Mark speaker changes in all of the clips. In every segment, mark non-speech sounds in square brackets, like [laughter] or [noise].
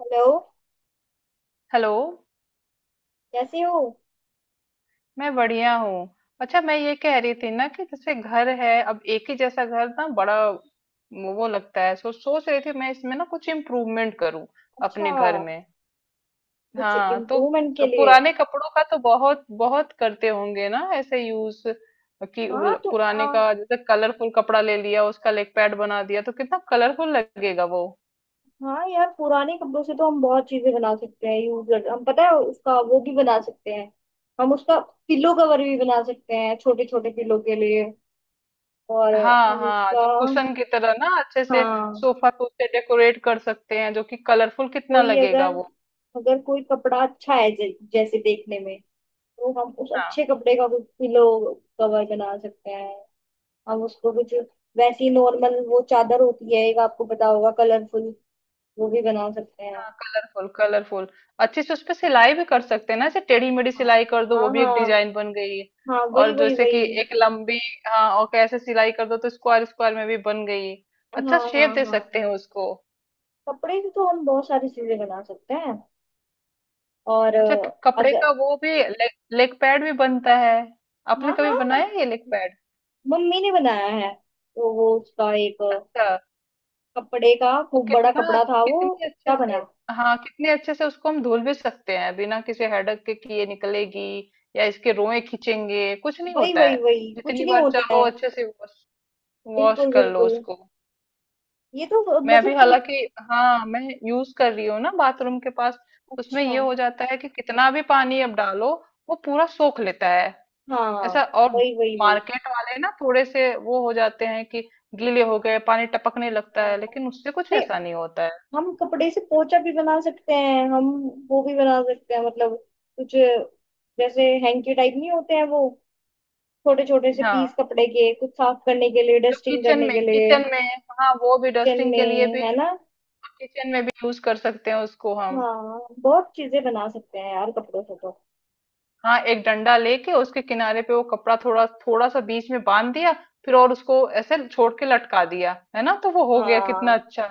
Speaker 1: Hello.
Speaker 2: Hello.
Speaker 1: कैसे हो?
Speaker 2: मैं बढ़िया हूँ। अच्छा, मैं ये कह रही थी ना कि जैसे घर है, अब एक ही जैसा घर ना बड़ा वो लगता है, सोच रही थी मैं इसमें ना कुछ इम्प्रूवमेंट करूँ
Speaker 1: अच्छा,
Speaker 2: अपने घर में।
Speaker 1: कुछ
Speaker 2: हाँ तो
Speaker 1: इम्प्रूवमेंट के लिए।
Speaker 2: पुराने कपड़ों का तो बहुत बहुत करते होंगे ना ऐसे यूज कि वो
Speaker 1: हाँ तो
Speaker 2: पुराने का जैसे कलरफुल कपड़ा ले लिया, उसका लेग पैड बना दिया तो कितना कलरफुल लगेगा वो।
Speaker 1: हाँ यार, पुराने कपड़ों से तो हम बहुत चीजें बना सकते हैं। यूजर हम पता है उसका वो भी बना सकते हैं, हम उसका पिल्लो कवर भी बना सकते हैं, छोटे छोटे पिल्लो के लिए। और
Speaker 2: हाँ
Speaker 1: हम
Speaker 2: हाँ,
Speaker 1: उसका।
Speaker 2: जो कुशन की तरह ना अच्छे से
Speaker 1: हाँ।
Speaker 2: सोफा को उससे डेकोरेट कर सकते हैं, जो कि कलरफुल कितना
Speaker 1: कोई
Speaker 2: लगेगा।
Speaker 1: अगर, अगर कोई कपड़ा अच्छा है जैसे देखने में, तो हम उस अच्छे
Speaker 2: हाँ
Speaker 1: कपड़े का कुछ पिल्लो कवर बना सकते हैं। हम उसको कुछ वैसी नॉर्मल वो चादर होती है एक, आपको पता होगा कलरफुल, वो भी बना सकते हैं।
Speaker 2: हाँ, कलरफुल कलरफुल अच्छे से उस पे सिलाई भी कर सकते हैं ना, ऐसे टेढ़ी मेढ़ी
Speaker 1: हाँ।
Speaker 2: सिलाई कर दो,
Speaker 1: हाँ
Speaker 2: वो भी एक
Speaker 1: हाँ
Speaker 2: डिजाइन बन गई।
Speaker 1: हाँ। वही
Speaker 2: और
Speaker 1: वही
Speaker 2: जैसे
Speaker 1: वही
Speaker 2: कि एक लंबी, हाँ और कैसे सिलाई कर दो तो स्क्वायर स्क्वायर में भी बन गई, अच्छा
Speaker 1: हाँ हाँ
Speaker 2: शेप दे
Speaker 1: हाँ
Speaker 2: सकते हैं उसको।
Speaker 1: कपड़े से तो हम बहुत सारी चीजें बना सकते हैं। और
Speaker 2: अच्छा, कपड़े
Speaker 1: अगर।
Speaker 2: का वो भी लेग लेग पैड भी बनता है, आपने
Speaker 1: हाँ
Speaker 2: कभी
Speaker 1: हाँ,
Speaker 2: बनाया है ये लेग पैड?
Speaker 1: मम्मी ने बनाया है। वो उसका एक
Speaker 2: अच्छा,
Speaker 1: कपड़े का
Speaker 2: और
Speaker 1: खूब बड़ा
Speaker 2: कितना,
Speaker 1: कपड़ा था, वो
Speaker 2: कितने अच्छे
Speaker 1: उसका
Speaker 2: से,
Speaker 1: बना।
Speaker 2: हाँ कितने अच्छे से उसको हम धुल भी सकते हैं बिना किसी हेडक के कि ये निकलेगी या इसके रोए खींचेंगे, कुछ नहीं
Speaker 1: वही
Speaker 2: होता
Speaker 1: वही
Speaker 2: है।
Speaker 1: वही कुछ
Speaker 2: जितनी
Speaker 1: नहीं
Speaker 2: बार
Speaker 1: होता है।
Speaker 2: चाहो अच्छे से वॉश वॉश
Speaker 1: बिल्कुल
Speaker 2: कर लो
Speaker 1: बिल्कुल।
Speaker 2: उसको।
Speaker 1: ये तो
Speaker 2: मैं अभी
Speaker 1: मतलब कि-।
Speaker 2: हालांकि, हाँ मैं यूज कर रही हूँ ना बाथरूम के पास, तो उसमें
Speaker 1: अच्छा।
Speaker 2: ये हो जाता है कि कितना भी पानी अब डालो वो पूरा सोख लेता है
Speaker 1: हाँ।
Speaker 2: ऐसा। और
Speaker 1: वही वही वही
Speaker 2: मार्केट वाले ना थोड़े से वो हो जाते हैं कि गीले हो गए पानी टपकने लगता
Speaker 1: हाँ।
Speaker 2: है, लेकिन उससे कुछ
Speaker 1: अरे,
Speaker 2: ऐसा नहीं होता है।
Speaker 1: हम कपड़े से पोचा भी बना सकते हैं हम, वो भी बना सकते हैं। मतलब कुछ जैसे हैंकी टाइप नहीं होते हैं वो, छोटे छोटे से
Speaker 2: हाँ,
Speaker 1: पीस कपड़े के, कुछ साफ करने के लिए,
Speaker 2: जो
Speaker 1: डस्टिंग
Speaker 2: किचन
Speaker 1: करने
Speaker 2: में
Speaker 1: के लिए।
Speaker 2: किचन में हाँ, वो भी
Speaker 1: किचन
Speaker 2: डस्टिंग के लिए
Speaker 1: में,
Speaker 2: भी,
Speaker 1: है ना।
Speaker 2: किचन में भी यूज कर सकते हैं उसको हम।
Speaker 1: हाँ, बहुत चीजें बना सकते हैं यार, कपड़ों से तो।
Speaker 2: हाँ, एक डंडा लेके उसके किनारे पे वो कपड़ा थोड़ा थोड़ा सा बीच में बांध दिया, फिर और उसको ऐसे छोड़ के लटका दिया है ना, तो वो हो गया कितना
Speaker 1: हाँ
Speaker 2: अच्छा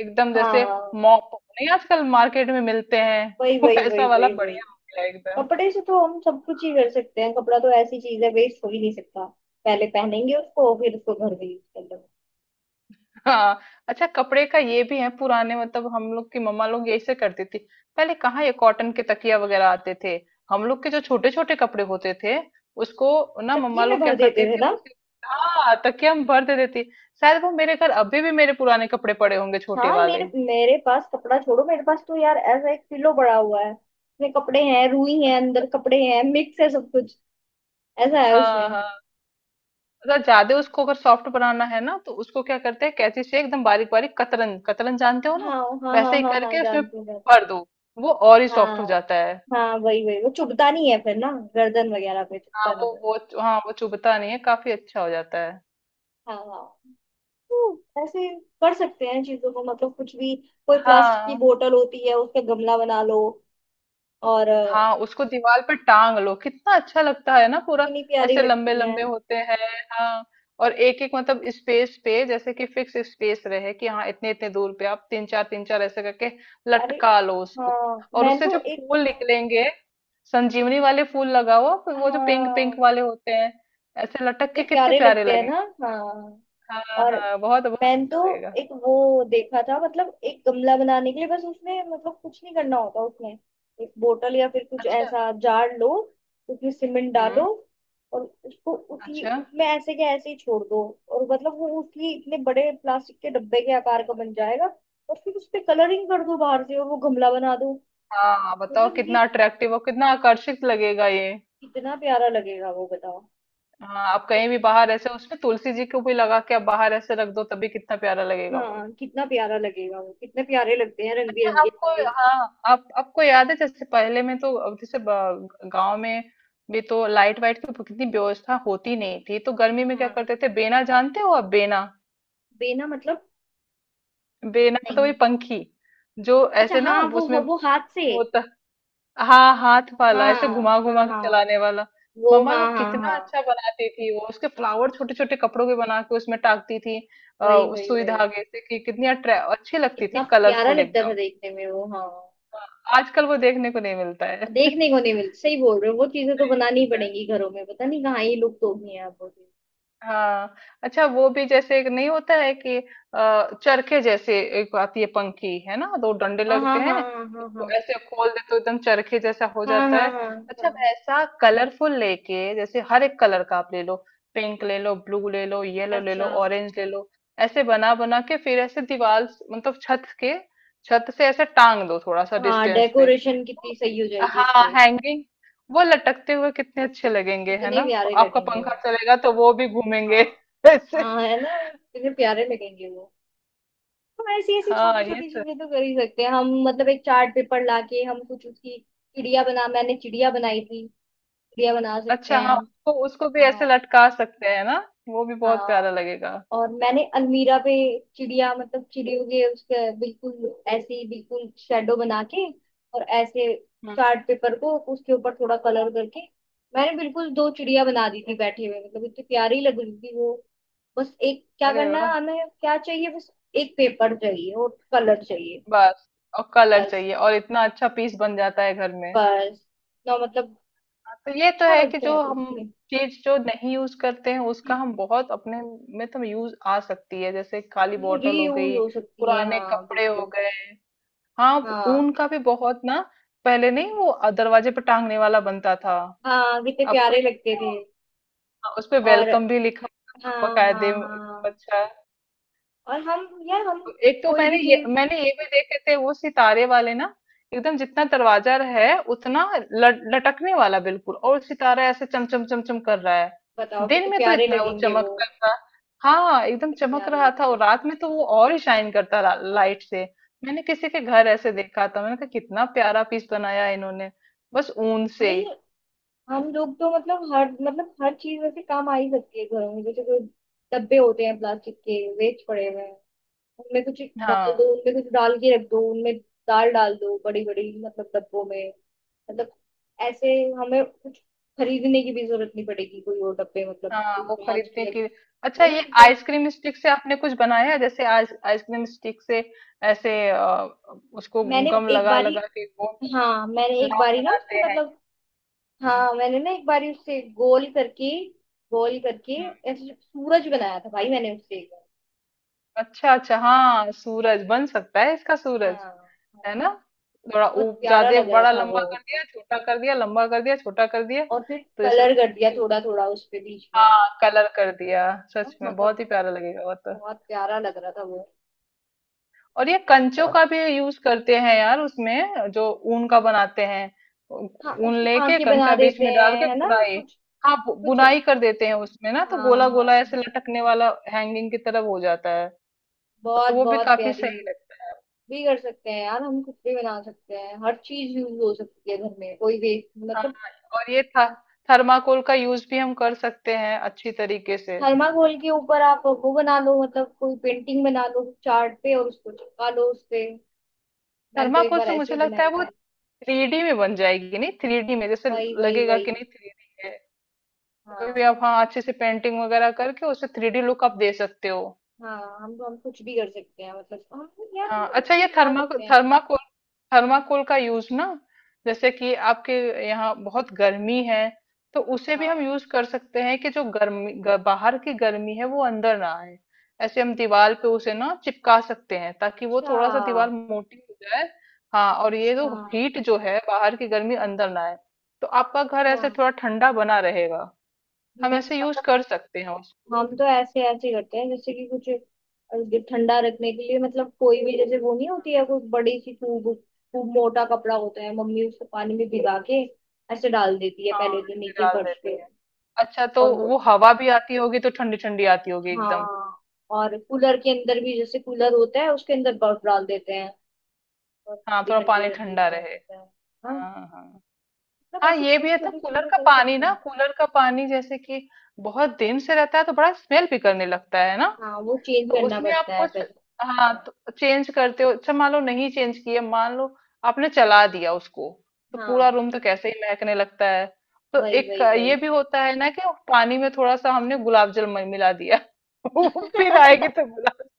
Speaker 2: एकदम जैसे
Speaker 1: हाँ।
Speaker 2: मॉप, नहीं आजकल मार्केट में मिलते हैं।
Speaker 1: वही
Speaker 2: [laughs]
Speaker 1: वही वही
Speaker 2: वैसा वाला
Speaker 1: वही वही
Speaker 2: बढ़िया हो गया एकदम।
Speaker 1: कपड़े से तो हम सब कुछ ही कर सकते हैं। कपड़ा तो ऐसी चीज है, वेस्ट हो ही नहीं सकता। पहले पहनेंगे उसको, फिर उसको घर में यूज कर लेंगे।
Speaker 2: हाँ। अच्छा, कपड़े का ये भी है, पुराने मतलब हम लोग की मम्मा लोग ऐसे करती थी, पहले कहाँ ये कॉटन के तकिया वगैरह आते थे। हम लोग के जो छोटे छोटे कपड़े होते थे उसको ना
Speaker 1: तकिए
Speaker 2: मम्मा
Speaker 1: में
Speaker 2: लोग क्या
Speaker 1: भर देते
Speaker 2: करती
Speaker 1: थे
Speaker 2: थी
Speaker 1: ना।
Speaker 2: उसे, हाँ तकिया हम भर दे देती थी। शायद वो मेरे घर अभी भी मेरे पुराने कपड़े पड़े होंगे छोटे
Speaker 1: हाँ,
Speaker 2: वाले।
Speaker 1: मेरे मेरे पास कपड़ा छोड़ो, मेरे पास तो यार ऐसा एक पिलो पड़ा हुआ है, उसमें कपड़े हैं, रुई है, अंदर कपड़े हैं, मिक्स है सब कुछ, ऐसा है
Speaker 2: हाँ
Speaker 1: उसमें।
Speaker 2: हाँ, अगर ज्यादा उसको अगर सॉफ्ट बनाना है ना तो उसको क्या करते हैं, कैंची से एकदम बारीक बारीक कतरन कतरन जानते हो
Speaker 1: हाँ
Speaker 2: ना,
Speaker 1: हाँ हाँ
Speaker 2: वैसे ही
Speaker 1: हाँ हाँ
Speaker 2: करके उसमें
Speaker 1: जानती हूँ जानती
Speaker 2: भर दो, वो और ही
Speaker 1: हूँ।
Speaker 2: सॉफ्ट हो
Speaker 1: हाँ।
Speaker 2: जाता है।
Speaker 1: हाँ वही वही वो चुभता नहीं है फिर ना, गर्दन वगैरह पे
Speaker 2: हाँ
Speaker 1: चुभता नहीं
Speaker 2: वो
Speaker 1: है।
Speaker 2: वो हाँ वो चुभता नहीं है, काफी अच्छा हो जाता है।
Speaker 1: हाँ हाँ। तो ऐसे कर सकते हैं चीजों को, मतलब कुछ भी। कोई प्लास्टिक की
Speaker 2: हाँ
Speaker 1: बोतल होती है, उसका गमला बना लो। और
Speaker 2: हाँ, उसको दीवार पर टांग लो कितना अच्छा लगता है ना पूरा,
Speaker 1: इतनी प्यारी
Speaker 2: ऐसे लंबे
Speaker 1: लगती है।
Speaker 2: लंबे होते हैं। हाँ, और एक एक मतलब स्पेस पे जैसे कि फिक्स स्पेस रहे कि हाँ इतने इतने दूर पे आप तीन चार ऐसे करके
Speaker 1: अरे,
Speaker 2: लटका लो उसको।
Speaker 1: हाँ
Speaker 2: और
Speaker 1: मैं
Speaker 2: उससे
Speaker 1: तो
Speaker 2: जो
Speaker 1: एक।
Speaker 2: फूल निकलेंगे, संजीवनी वाले फूल लगाओ फिर, वो जो पिंक पिंक
Speaker 1: हाँ,
Speaker 2: वाले होते हैं ऐसे लटक
Speaker 1: कितने
Speaker 2: के कितने
Speaker 1: प्यारे
Speaker 2: प्यारे
Speaker 1: लगते हैं ना।
Speaker 2: लगेंगे।
Speaker 1: हाँ।
Speaker 2: हाँ
Speaker 1: और
Speaker 2: हाँ, बहुत बहुत
Speaker 1: मैंने
Speaker 2: अच्छा
Speaker 1: तो
Speaker 2: लगेगा।
Speaker 1: एक वो देखा था, मतलब एक गमला बनाने के लिए बस, उसमें मतलब कुछ नहीं करना होता उसमें। एक बोतल या फिर कुछ
Speaker 2: अच्छा।
Speaker 1: ऐसा जार लो, उसमें सीमेंट डालो,
Speaker 2: हम्म।
Speaker 1: और उसको उसी
Speaker 2: अच्छा,
Speaker 1: उसमें ऐसे के ऐसे ही छोड़ दो, और मतलब वो उसी इतने बड़े प्लास्टिक के डब्बे के आकार का बन जाएगा। और फिर उस पे कलरिंग कर दो बाहर से, और वो गमला बना दो।
Speaker 2: हाँ बताओ
Speaker 1: मतलब ये
Speaker 2: कितना अट्रैक्टिव और कितना आकर्षित लगेगा ये।
Speaker 1: कितना प्यारा लगेगा वो बताओ।
Speaker 2: हाँ, आप कहीं भी बाहर ऐसे उसमें तुलसी जी को भी लगा के आप बाहर ऐसे रख दो तभी कितना प्यारा लगेगा वो।
Speaker 1: हाँ, कितना प्यारा लगेगा वो। कितने प्यारे लगते हैं रंग
Speaker 2: अच्छा
Speaker 1: बिरंगे
Speaker 2: आपको,
Speaker 1: से।
Speaker 2: हाँ आप आपको याद है जैसे पहले में, तो अब जैसे गांव में भी तो लाइट वाइट की कितनी व्यवस्था होती नहीं थी तो गर्मी में क्या
Speaker 1: हाँ।
Speaker 2: करते थे बेना, जानते हो आप बेना?
Speaker 1: बेना मतलब?
Speaker 2: बेना तो वही
Speaker 1: नहीं।
Speaker 2: पंखी जो
Speaker 1: अच्छा
Speaker 2: ऐसे ना
Speaker 1: हाँ, वो
Speaker 2: उसमें
Speaker 1: वो हाथ से।
Speaker 2: होता, हाँ हाथ वाला ऐसे
Speaker 1: हाँ
Speaker 2: घुमा
Speaker 1: हाँ
Speaker 2: घुमा के
Speaker 1: हाँ
Speaker 2: चलाने वाला।
Speaker 1: वो
Speaker 2: मम्मा
Speaker 1: हाँ
Speaker 2: लोग
Speaker 1: हाँ
Speaker 2: कितना
Speaker 1: हाँ
Speaker 2: अच्छा बनाती थी, वो उसके फ्लावर छोटे छोटे कपड़ों के बना के उसमें टाकती थी
Speaker 1: वही
Speaker 2: उस
Speaker 1: वही
Speaker 2: सुई
Speaker 1: वही
Speaker 2: धागे से कि कितनी अट्रै अच्छी लगती थी
Speaker 1: कितना प्यारा
Speaker 2: कलरफुल
Speaker 1: लगता था
Speaker 2: एकदम।
Speaker 1: देखने में वो। हाँ,
Speaker 2: आजकल वो देखने को नहीं मिलता है। [laughs] नहीं
Speaker 1: देखने को नहीं मिलता, सही बोल रहे हो। वो चीजें तो बनानी ही
Speaker 2: मिलता है।
Speaker 1: पड़ेंगी घरों में, पता नहीं कहाँ ये लुप्त हो गई हैं अब वो चीज़।
Speaker 2: हाँ, अच्छा वो भी जैसे एक नहीं होता है कि चरखे जैसे एक आती है पंखी है ना, दो डंडे
Speaker 1: हाँ
Speaker 2: लगते
Speaker 1: हाँ हाँ
Speaker 2: हैं,
Speaker 1: हाँ।
Speaker 2: इसको ऐसे खोल दे तो एकदम चरखे जैसा हो
Speaker 1: हाँ
Speaker 2: जाता
Speaker 1: हाँ
Speaker 2: है।
Speaker 1: हाँ हाँ
Speaker 2: अच्छा,
Speaker 1: हाँ।
Speaker 2: वैसा कलरफुल लेके जैसे हर एक कलर का आप ले लो, पिंक ले लो, ब्लू ले लो, येलो ले
Speaker 1: अच्छा।
Speaker 2: लो, ऑरेंज ले लो, ऐसे बना बना के फिर ऐसे मतलब छत के, छत से ऐसे टांग दो थोड़ा सा
Speaker 1: हाँ,
Speaker 2: डिस्टेंस पे
Speaker 1: डेकोरेशन
Speaker 2: तो,
Speaker 1: कितनी सही हो जाएगी
Speaker 2: हाँ
Speaker 1: इससे।
Speaker 2: हैंगिंग वो लटकते हुए कितने अच्छे लगेंगे, है
Speaker 1: कितने
Speaker 2: ना,
Speaker 1: प्यारे
Speaker 2: आपका
Speaker 1: लगेंगे वो।
Speaker 2: पंखा चलेगा तो वो भी घूमेंगे
Speaker 1: हाँ।
Speaker 2: [laughs] ऐसे।
Speaker 1: हाँ, है ना। कितने प्यारे लगेंगे वो। हम ऐसी ऐसी
Speaker 2: हाँ
Speaker 1: छोटी
Speaker 2: ये
Speaker 1: छोटी
Speaker 2: तो
Speaker 1: चीजें
Speaker 2: है।
Speaker 1: तो कर ही सकते हैं हम। मतलब एक चार्ट पेपर लाके हम कुछ उसकी चिड़िया बना, मैंने चिड़िया बनाई थी, चिड़िया बना सकते
Speaker 2: अच्छा हाँ,
Speaker 1: हैं।
Speaker 2: उसको उसको भी ऐसे
Speaker 1: हाँ।
Speaker 2: लटका सकते हैं ना, वो भी बहुत प्यारा
Speaker 1: हाँ।
Speaker 2: लगेगा।
Speaker 1: और मैंने अलमीरा पे चिड़िया, मतलब चिड़ियों के उसके बिल्कुल ऐसे ही बिल्कुल शेडो बना के, और ऐसे
Speaker 2: हम्म।
Speaker 1: चार्ट पेपर को उसके ऊपर थोड़ा कलर करके, मैंने बिल्कुल दो चिड़िया बना दी थी बैठे हुए, मतलब इतनी प्यारी लग रही थी वो। बस एक क्या
Speaker 2: अरे
Speaker 1: करना है,
Speaker 2: वाह!
Speaker 1: हमें क्या चाहिए बस, एक पेपर चाहिए और कलर चाहिए।
Speaker 2: बस और कलर
Speaker 1: बस।
Speaker 2: चाहिए, और इतना अच्छा पीस बन जाता है घर में।
Speaker 1: बस। ना, मतलब
Speaker 2: हाँ, तो ये तो
Speaker 1: अच्छा
Speaker 2: है कि
Speaker 1: लगता है
Speaker 2: जो
Speaker 1: देख
Speaker 2: हम
Speaker 1: के।
Speaker 2: चीज जो नहीं यूज करते हैं उसका हम बहुत अपने में तो यूज आ सकती है, जैसे काली बॉटल हो
Speaker 1: रीयूज
Speaker 2: गई,
Speaker 1: हो सकती है,
Speaker 2: पुराने
Speaker 1: हाँ
Speaker 2: कपड़े हो
Speaker 1: बिल्कुल।
Speaker 2: गए। हाँ, वो
Speaker 1: हाँ
Speaker 2: ऊन का भी बहुत ना, पहले नहीं वो दरवाजे पे टांगने वाला बनता था,
Speaker 1: हाँ, कितने
Speaker 2: आपको
Speaker 1: प्यारे
Speaker 2: याद
Speaker 1: लगते
Speaker 2: है
Speaker 1: थे।
Speaker 2: वो? हाँ, उस पे
Speaker 1: और।
Speaker 2: वेलकम भी लिखा होता
Speaker 1: हाँ
Speaker 2: था बकायदे
Speaker 1: हाँ
Speaker 2: एकदम
Speaker 1: हाँ
Speaker 2: अच्छा।
Speaker 1: और हम यार, हम
Speaker 2: एक तो
Speaker 1: कोई
Speaker 2: मैंने
Speaker 1: भी
Speaker 2: ये
Speaker 1: चीज।
Speaker 2: मैंने ये भी देखे थे वो सितारे वाले ना, एकदम जितना दरवाजा है उतना लटकने वाला बिल्कुल, और सितारा ऐसे चमचम चमचम कर रहा है,
Speaker 1: बताओ
Speaker 2: दिन
Speaker 1: कितने
Speaker 2: में तो
Speaker 1: प्यारे
Speaker 2: इतना वो
Speaker 1: लगेंगे वो।
Speaker 2: चमकता था, हाँ एकदम
Speaker 1: कितने
Speaker 2: चमक
Speaker 1: प्यारे
Speaker 2: रहा था,
Speaker 1: लगते
Speaker 2: और
Speaker 1: हैं।
Speaker 2: रात में तो वो और ही शाइन करता
Speaker 1: हाँ।
Speaker 2: लाइट से। मैंने किसी के घर ऐसे देखा था, मैंने कहा कितना प्यारा पीस बनाया है इन्होंने बस ऊन से।
Speaker 1: भाई, हम लोग तो मतलब हर, मतलब हर चीज वैसे काम आ ही सकती है घरों में। जैसे कोई डब्बे होते हैं प्लास्टिक के, वेस्ट पड़े हुए हैं, उनमें कुछ डाल दो,
Speaker 2: हाँ
Speaker 1: उनमें कुछ डाल के रख दो उनमें, दाल डाल दो बड़ी बड़ी, मतलब डब्बों में। मतलब ऐसे हमें कुछ खरीदने की भी जरूरत नहीं पड़ेगी। कोई और डब्बे मतलब
Speaker 2: हाँ
Speaker 1: कोई
Speaker 2: वो
Speaker 1: कांच के,
Speaker 2: खरीदने के लिए। अच्छा,
Speaker 1: है ना।
Speaker 2: ये
Speaker 1: मतलब
Speaker 2: आइसक्रीम स्टिक से आपने कुछ बनाया है, जैसे आइसक्रीम स्टिक से ऐसे उसको
Speaker 1: मैंने
Speaker 2: गम
Speaker 1: एक
Speaker 2: लगा
Speaker 1: बारी।
Speaker 2: लगा के गोंद
Speaker 1: हाँ,
Speaker 2: लगा
Speaker 1: मैंने एक
Speaker 2: नाव
Speaker 1: बारी ना उसके
Speaker 2: बनाते हैं।
Speaker 1: मतलब।
Speaker 2: हम्म।
Speaker 1: हाँ, मैंने ना एक बारी उससे गोल करके, गोल करके
Speaker 2: हम्म।
Speaker 1: ऐसे सूरज बनाया था भाई, मैंने उससे एक बार।
Speaker 2: अच्छा अच्छा, हाँ सूरज बन सकता है इसका,
Speaker 1: हाँ।
Speaker 2: सूरज है
Speaker 1: हाँ,
Speaker 2: ना थोड़ा
Speaker 1: बहुत
Speaker 2: ऊप
Speaker 1: प्यारा
Speaker 2: ज्यादा
Speaker 1: लग रहा
Speaker 2: बड़ा
Speaker 1: था वो।
Speaker 2: लंबा कर दिया छोटा कर दिया लंबा कर दिया छोटा कर दिया
Speaker 1: और फिर
Speaker 2: तो जैसे
Speaker 1: कलर कर दिया
Speaker 2: लगेगा कि,
Speaker 1: थोड़ा थोड़ा उस पे बीच में।
Speaker 2: हाँ कलर कर दिया,
Speaker 1: हाँ,
Speaker 2: सच में
Speaker 1: मतलब
Speaker 2: बहुत ही प्यारा लगेगा वो तो।
Speaker 1: बहुत प्यारा लग रहा था वो।
Speaker 2: और ये कंचों
Speaker 1: बहुत।
Speaker 2: का भी यूज करते हैं यार उसमें, जो ऊन का बनाते हैं
Speaker 1: हाँ,
Speaker 2: ऊन
Speaker 1: उसकी
Speaker 2: लेके
Speaker 1: आंखें बना
Speaker 2: कंचा बीच
Speaker 1: देते
Speaker 2: में डाल
Speaker 1: हैं
Speaker 2: के
Speaker 1: है ना
Speaker 2: बुनाई,
Speaker 1: कुछ।
Speaker 2: हाँ
Speaker 1: कुछ।
Speaker 2: बुनाई कर देते हैं उसमें ना, तो
Speaker 1: हाँ
Speaker 2: गोला
Speaker 1: हाँ
Speaker 2: गोला ऐसे
Speaker 1: हाँ
Speaker 2: लटकने वाला हैंगिंग की तरफ हो जाता है, तो
Speaker 1: बहुत
Speaker 2: वो भी
Speaker 1: बहुत
Speaker 2: काफी
Speaker 1: प्यारी
Speaker 2: सही लगता है।
Speaker 1: भी कर सकते हैं यार, हम कुछ भी बना सकते हैं। हर चीज यूज हो सकती है घर में, कोई भी।
Speaker 2: हाँ,
Speaker 1: मतलब
Speaker 2: और ये था थर्माकोल का यूज भी हम कर सकते हैं अच्छी तरीके से।
Speaker 1: थर्माकोल के ऊपर आप वो बना लो, मतलब कोई पेंटिंग बना लो चार्ट पे और उसको चिपका लो उस पे। मैंने तो एक
Speaker 2: थर्माकोल
Speaker 1: बार
Speaker 2: से
Speaker 1: ऐसे
Speaker 2: मुझे
Speaker 1: ही
Speaker 2: लगता है
Speaker 1: बनाई
Speaker 2: वो
Speaker 1: थी।
Speaker 2: थ्री डी में बन जाएगी, नहीं थ्री डी में जैसे
Speaker 1: वही वही
Speaker 2: लगेगा कि
Speaker 1: वही
Speaker 2: नहीं थ्री डी है, कोई भी
Speaker 1: हाँ।
Speaker 2: आप हाँ अच्छे से पेंटिंग वगैरह करके उसे थ्री डी लुक आप दे सकते हो।
Speaker 1: हाँ, हम कुछ भी कर सकते हैं, मतलब हम, यार हम
Speaker 2: हाँ
Speaker 1: कुछ
Speaker 2: अच्छा,
Speaker 1: भी
Speaker 2: ये
Speaker 1: बना सकते हैं।
Speaker 2: थर्माकोल थर्माकोल का यूज ना, जैसे कि आपके यहाँ बहुत गर्मी है तो उसे भी हम
Speaker 1: हाँ।
Speaker 2: यूज कर सकते हैं कि जो बाहर की गर्मी है वो अंदर ना आए, ऐसे हम दीवार पे उसे ना चिपका सकते हैं ताकि वो
Speaker 1: अच्छा।
Speaker 2: थोड़ा सा दीवार मोटी हो जाए। हाँ, और ये
Speaker 1: अच्छा।
Speaker 2: जो हीट जो है बाहर की गर्मी अंदर ना आए, तो आपका घर
Speaker 1: अच्छा।
Speaker 2: ऐसे थोड़ा ठंडा बना रहेगा, हम
Speaker 1: मैं
Speaker 2: ऐसे यूज
Speaker 1: मतलब
Speaker 2: कर सकते हैं उसको।
Speaker 1: हम तो ऐसे ऐसे करते हैं, जैसे कि कुछ ठंडा रखने के लिए, मतलब कोई भी, जैसे वो नहीं होती है कोई बड़ी सी खूब खूब मोटा कपड़ा होता है, मम्मी उसको पानी में भिगा के ऐसे डाल देती है
Speaker 2: हाँ
Speaker 1: पहले तो
Speaker 2: मिक्सी
Speaker 1: नीचे
Speaker 2: डाल
Speaker 1: फर्श
Speaker 2: देती
Speaker 1: पे,
Speaker 2: हैं, अच्छा तो
Speaker 1: और वो।
Speaker 2: वो हवा भी आती होगी तो ठंडी ठंडी आती होगी एकदम।
Speaker 1: हाँ। और कूलर के अंदर भी, जैसे कूलर होता है उसके अंदर बर्फ डाल देते हैं, और
Speaker 2: हाँ
Speaker 1: वो भी
Speaker 2: थोड़ा पानी
Speaker 1: ठंडी ठंडी
Speaker 2: ठंडा
Speaker 1: हवा
Speaker 2: रहे।
Speaker 1: देता है। हाँ,
Speaker 2: हाँ हाँ।
Speaker 1: मतलब
Speaker 2: हाँ
Speaker 1: ऐसे
Speaker 2: ये भी
Speaker 1: छोटी
Speaker 2: है, तो
Speaker 1: छोटी
Speaker 2: कूलर
Speaker 1: चीजें
Speaker 2: का
Speaker 1: कर
Speaker 2: पानी
Speaker 1: सकते
Speaker 2: ना
Speaker 1: हैं।
Speaker 2: कूलर का पानी जैसे कि बहुत दिन से रहता है तो बड़ा स्मेल भी करने लगता है ना,
Speaker 1: हाँ, वो चेंज
Speaker 2: तो
Speaker 1: करना
Speaker 2: उसमें आप
Speaker 1: पड़ता है
Speaker 2: कुछ,
Speaker 1: पहले।
Speaker 2: हाँ तो चेंज करते हो, अच्छा मान लो नहीं चेंज किए, मान लो आपने चला दिया उसको तो पूरा
Speaker 1: हाँ।
Speaker 2: रूम तो कैसे ही महकने लगता है। तो
Speaker 1: वही
Speaker 2: एक
Speaker 1: वही वही
Speaker 2: ये भी होता है ना कि पानी में थोड़ा सा हमने गुलाब जल मिला दिया, [laughs] वो फिर आएगी
Speaker 1: [laughs]
Speaker 2: तो गुलाब,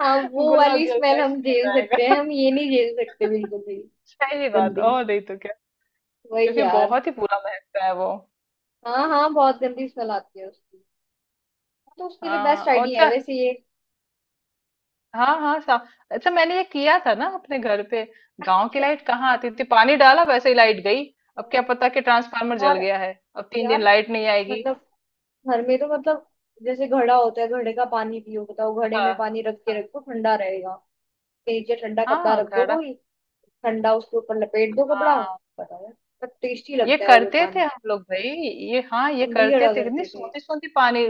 Speaker 1: हाँ, वो
Speaker 2: गुलाब
Speaker 1: वाली
Speaker 2: जल
Speaker 1: स्मेल
Speaker 2: का
Speaker 1: हम
Speaker 2: स्मेल
Speaker 1: झेल सकते
Speaker 2: आएगा।
Speaker 1: हैं, हम ये नहीं झेल सकते
Speaker 2: [laughs]
Speaker 1: बिल्कुल भी।
Speaker 2: सही बात,
Speaker 1: गंदी।
Speaker 2: और नहीं तो क्या,
Speaker 1: वही
Speaker 2: क्योंकि
Speaker 1: यार।
Speaker 2: बहुत ही बुरा महकता है वो।
Speaker 1: हाँ हाँ, बहुत गंदी स्मेल आती है उसकी। हाँ, तो उसके लिए
Speaker 2: हाँ
Speaker 1: बेस्ट
Speaker 2: और
Speaker 1: आइडिया है
Speaker 2: अच्छा,
Speaker 1: वैसे ये।
Speaker 2: हाँ हाँ सा अच्छा मैंने ये किया था ना अपने घर पे, गांव की
Speaker 1: अच्छा।
Speaker 2: लाइट कहाँ आती थी, पानी डाला वैसे ही लाइट गई, अब क्या
Speaker 1: हाँ।
Speaker 2: पता कि ट्रांसफार्मर जल
Speaker 1: और
Speaker 2: गया है, अब तीन
Speaker 1: यार,
Speaker 2: दिन लाइट नहीं आएगी।
Speaker 1: मतलब घर में तो, मतलब जैसे घड़ा होता है, घड़े का पानी पियो, बताओ घड़े में पानी
Speaker 2: हाँ
Speaker 1: रख के रखो, ठंडा रहेगा। उसके नीचे ठंडा कपड़ा
Speaker 2: हाँ
Speaker 1: रख दो
Speaker 2: घड़ा,
Speaker 1: कोई, ठंडा, उसके ऊपर लपेट दो कपड़ा।
Speaker 2: हाँ
Speaker 1: बताओ यार, बहुत टेस्टी
Speaker 2: ये
Speaker 1: लगता है और वो
Speaker 2: करते थे
Speaker 1: पानी।
Speaker 2: हम लोग भाई, ये हाँ ये
Speaker 1: हम भी
Speaker 2: करते
Speaker 1: घड़ा
Speaker 2: थे, कितनी
Speaker 1: करते थे।
Speaker 2: सोती सोती पानी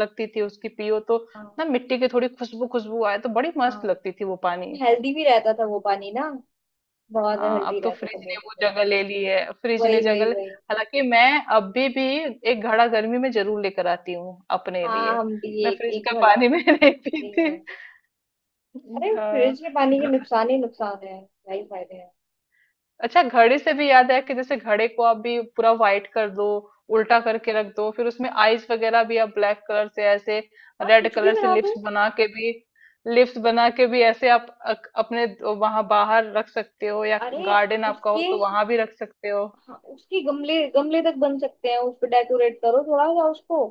Speaker 2: लगती थी उसकी पियो तो,
Speaker 1: हाँ।
Speaker 2: ना मिट्टी की थोड़ी खुशबू खुशबू आए तो बड़ी
Speaker 1: हाँ,
Speaker 2: मस्त लगती थी वो पानी।
Speaker 1: हेल्दी भी रहता था वो पानी ना, बहुत
Speaker 2: हाँ,
Speaker 1: हेल्दी
Speaker 2: अब तो
Speaker 1: रहता था
Speaker 2: फ्रिज ने
Speaker 1: बॉडी
Speaker 2: वो
Speaker 1: पे।
Speaker 2: जगह ले ली है, फ्रिज ने
Speaker 1: वही
Speaker 2: जगह
Speaker 1: वही वही
Speaker 2: हालांकि मैं अभी भी एक घड़ा गर्मी में जरूर लेकर आती हूँ अपने
Speaker 1: हाँ,
Speaker 2: लिए,
Speaker 1: हम भी
Speaker 2: मैं
Speaker 1: एक
Speaker 2: फ्रिज
Speaker 1: एक
Speaker 2: का
Speaker 1: घड़ा
Speaker 2: पानी में [laughs] नहीं पीती।
Speaker 1: पीएंगे। अरे,
Speaker 2: हाँ
Speaker 1: फ्रिज के पानी के
Speaker 2: घ-
Speaker 1: नुकसान ही नुकसान है, क्या ही फायदे हैं।
Speaker 2: अच्छा, घड़े से भी याद है कि जैसे घड़े को आप भी पूरा व्हाइट कर दो, उल्टा करके रख दो, फिर उसमें आईज वगैरह भी आप ब्लैक कलर से ऐसे,
Speaker 1: आप
Speaker 2: रेड
Speaker 1: कुछ भी
Speaker 2: कलर से
Speaker 1: बना दो।
Speaker 2: लिप्स बना के भी, लिप्स बना के भी ऐसे आप अपने वहां बाहर रख सकते हो, या
Speaker 1: अरे,
Speaker 2: गार्डन आपका हो
Speaker 1: उसके।
Speaker 2: तो वहां भी रख सकते हो।
Speaker 1: हाँ, उसके गमले, गमले तक बन सकते हैं उसको, डेकोरेट करो थोड़ा सा उसको,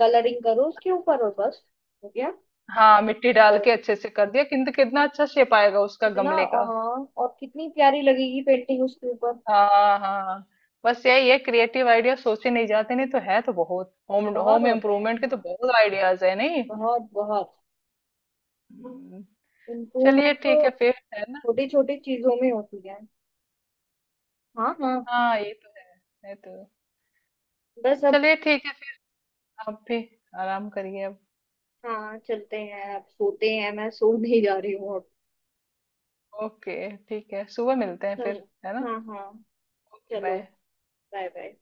Speaker 1: कलरिंग करो उसके ऊपर, और बस हो गया।
Speaker 2: हाँ मिट्टी
Speaker 1: ये
Speaker 2: डाल
Speaker 1: अंदर
Speaker 2: के अच्छे से कर दिया, किंतु
Speaker 1: रखो।
Speaker 2: कितना अच्छा शेप आएगा उसका
Speaker 1: कितना
Speaker 2: गमले का।
Speaker 1: हाँ, और कितनी प्यारी लगेगी पेंटिंग उसके ऊपर।
Speaker 2: हाँ हाँ, बस यही है क्रिएटिव आइडिया सोचे नहीं जाते, नहीं तो है तो बहुत, होम
Speaker 1: बहुत
Speaker 2: होम
Speaker 1: होते हैं
Speaker 2: इम्प्रूवमेंट के तो
Speaker 1: हाँ,
Speaker 2: बहुत आइडियाज है नहीं।
Speaker 1: बहुत बहुत।
Speaker 2: हम्म। चलिए
Speaker 1: इम्प्रूवमेंट तो
Speaker 2: ठीक है फिर, है ना?
Speaker 1: छोटी छोटी चीजों में होती है। हाँ हाँ।
Speaker 2: हाँ ये तो है ये तो है।
Speaker 1: बस अब।
Speaker 2: चलिए ठीक है फिर, आप भी आराम करिए अब।
Speaker 1: हाँ, चलते हैं अब, सोते हैं, मैं सो नहीं जा रही हूँ अब।
Speaker 2: ओके ठीक है, सुबह मिलते हैं फिर,
Speaker 1: चलो।
Speaker 2: है ना?
Speaker 1: हाँ हाँ।
Speaker 2: ओके
Speaker 1: चलो,
Speaker 2: बाय।
Speaker 1: Bye bye.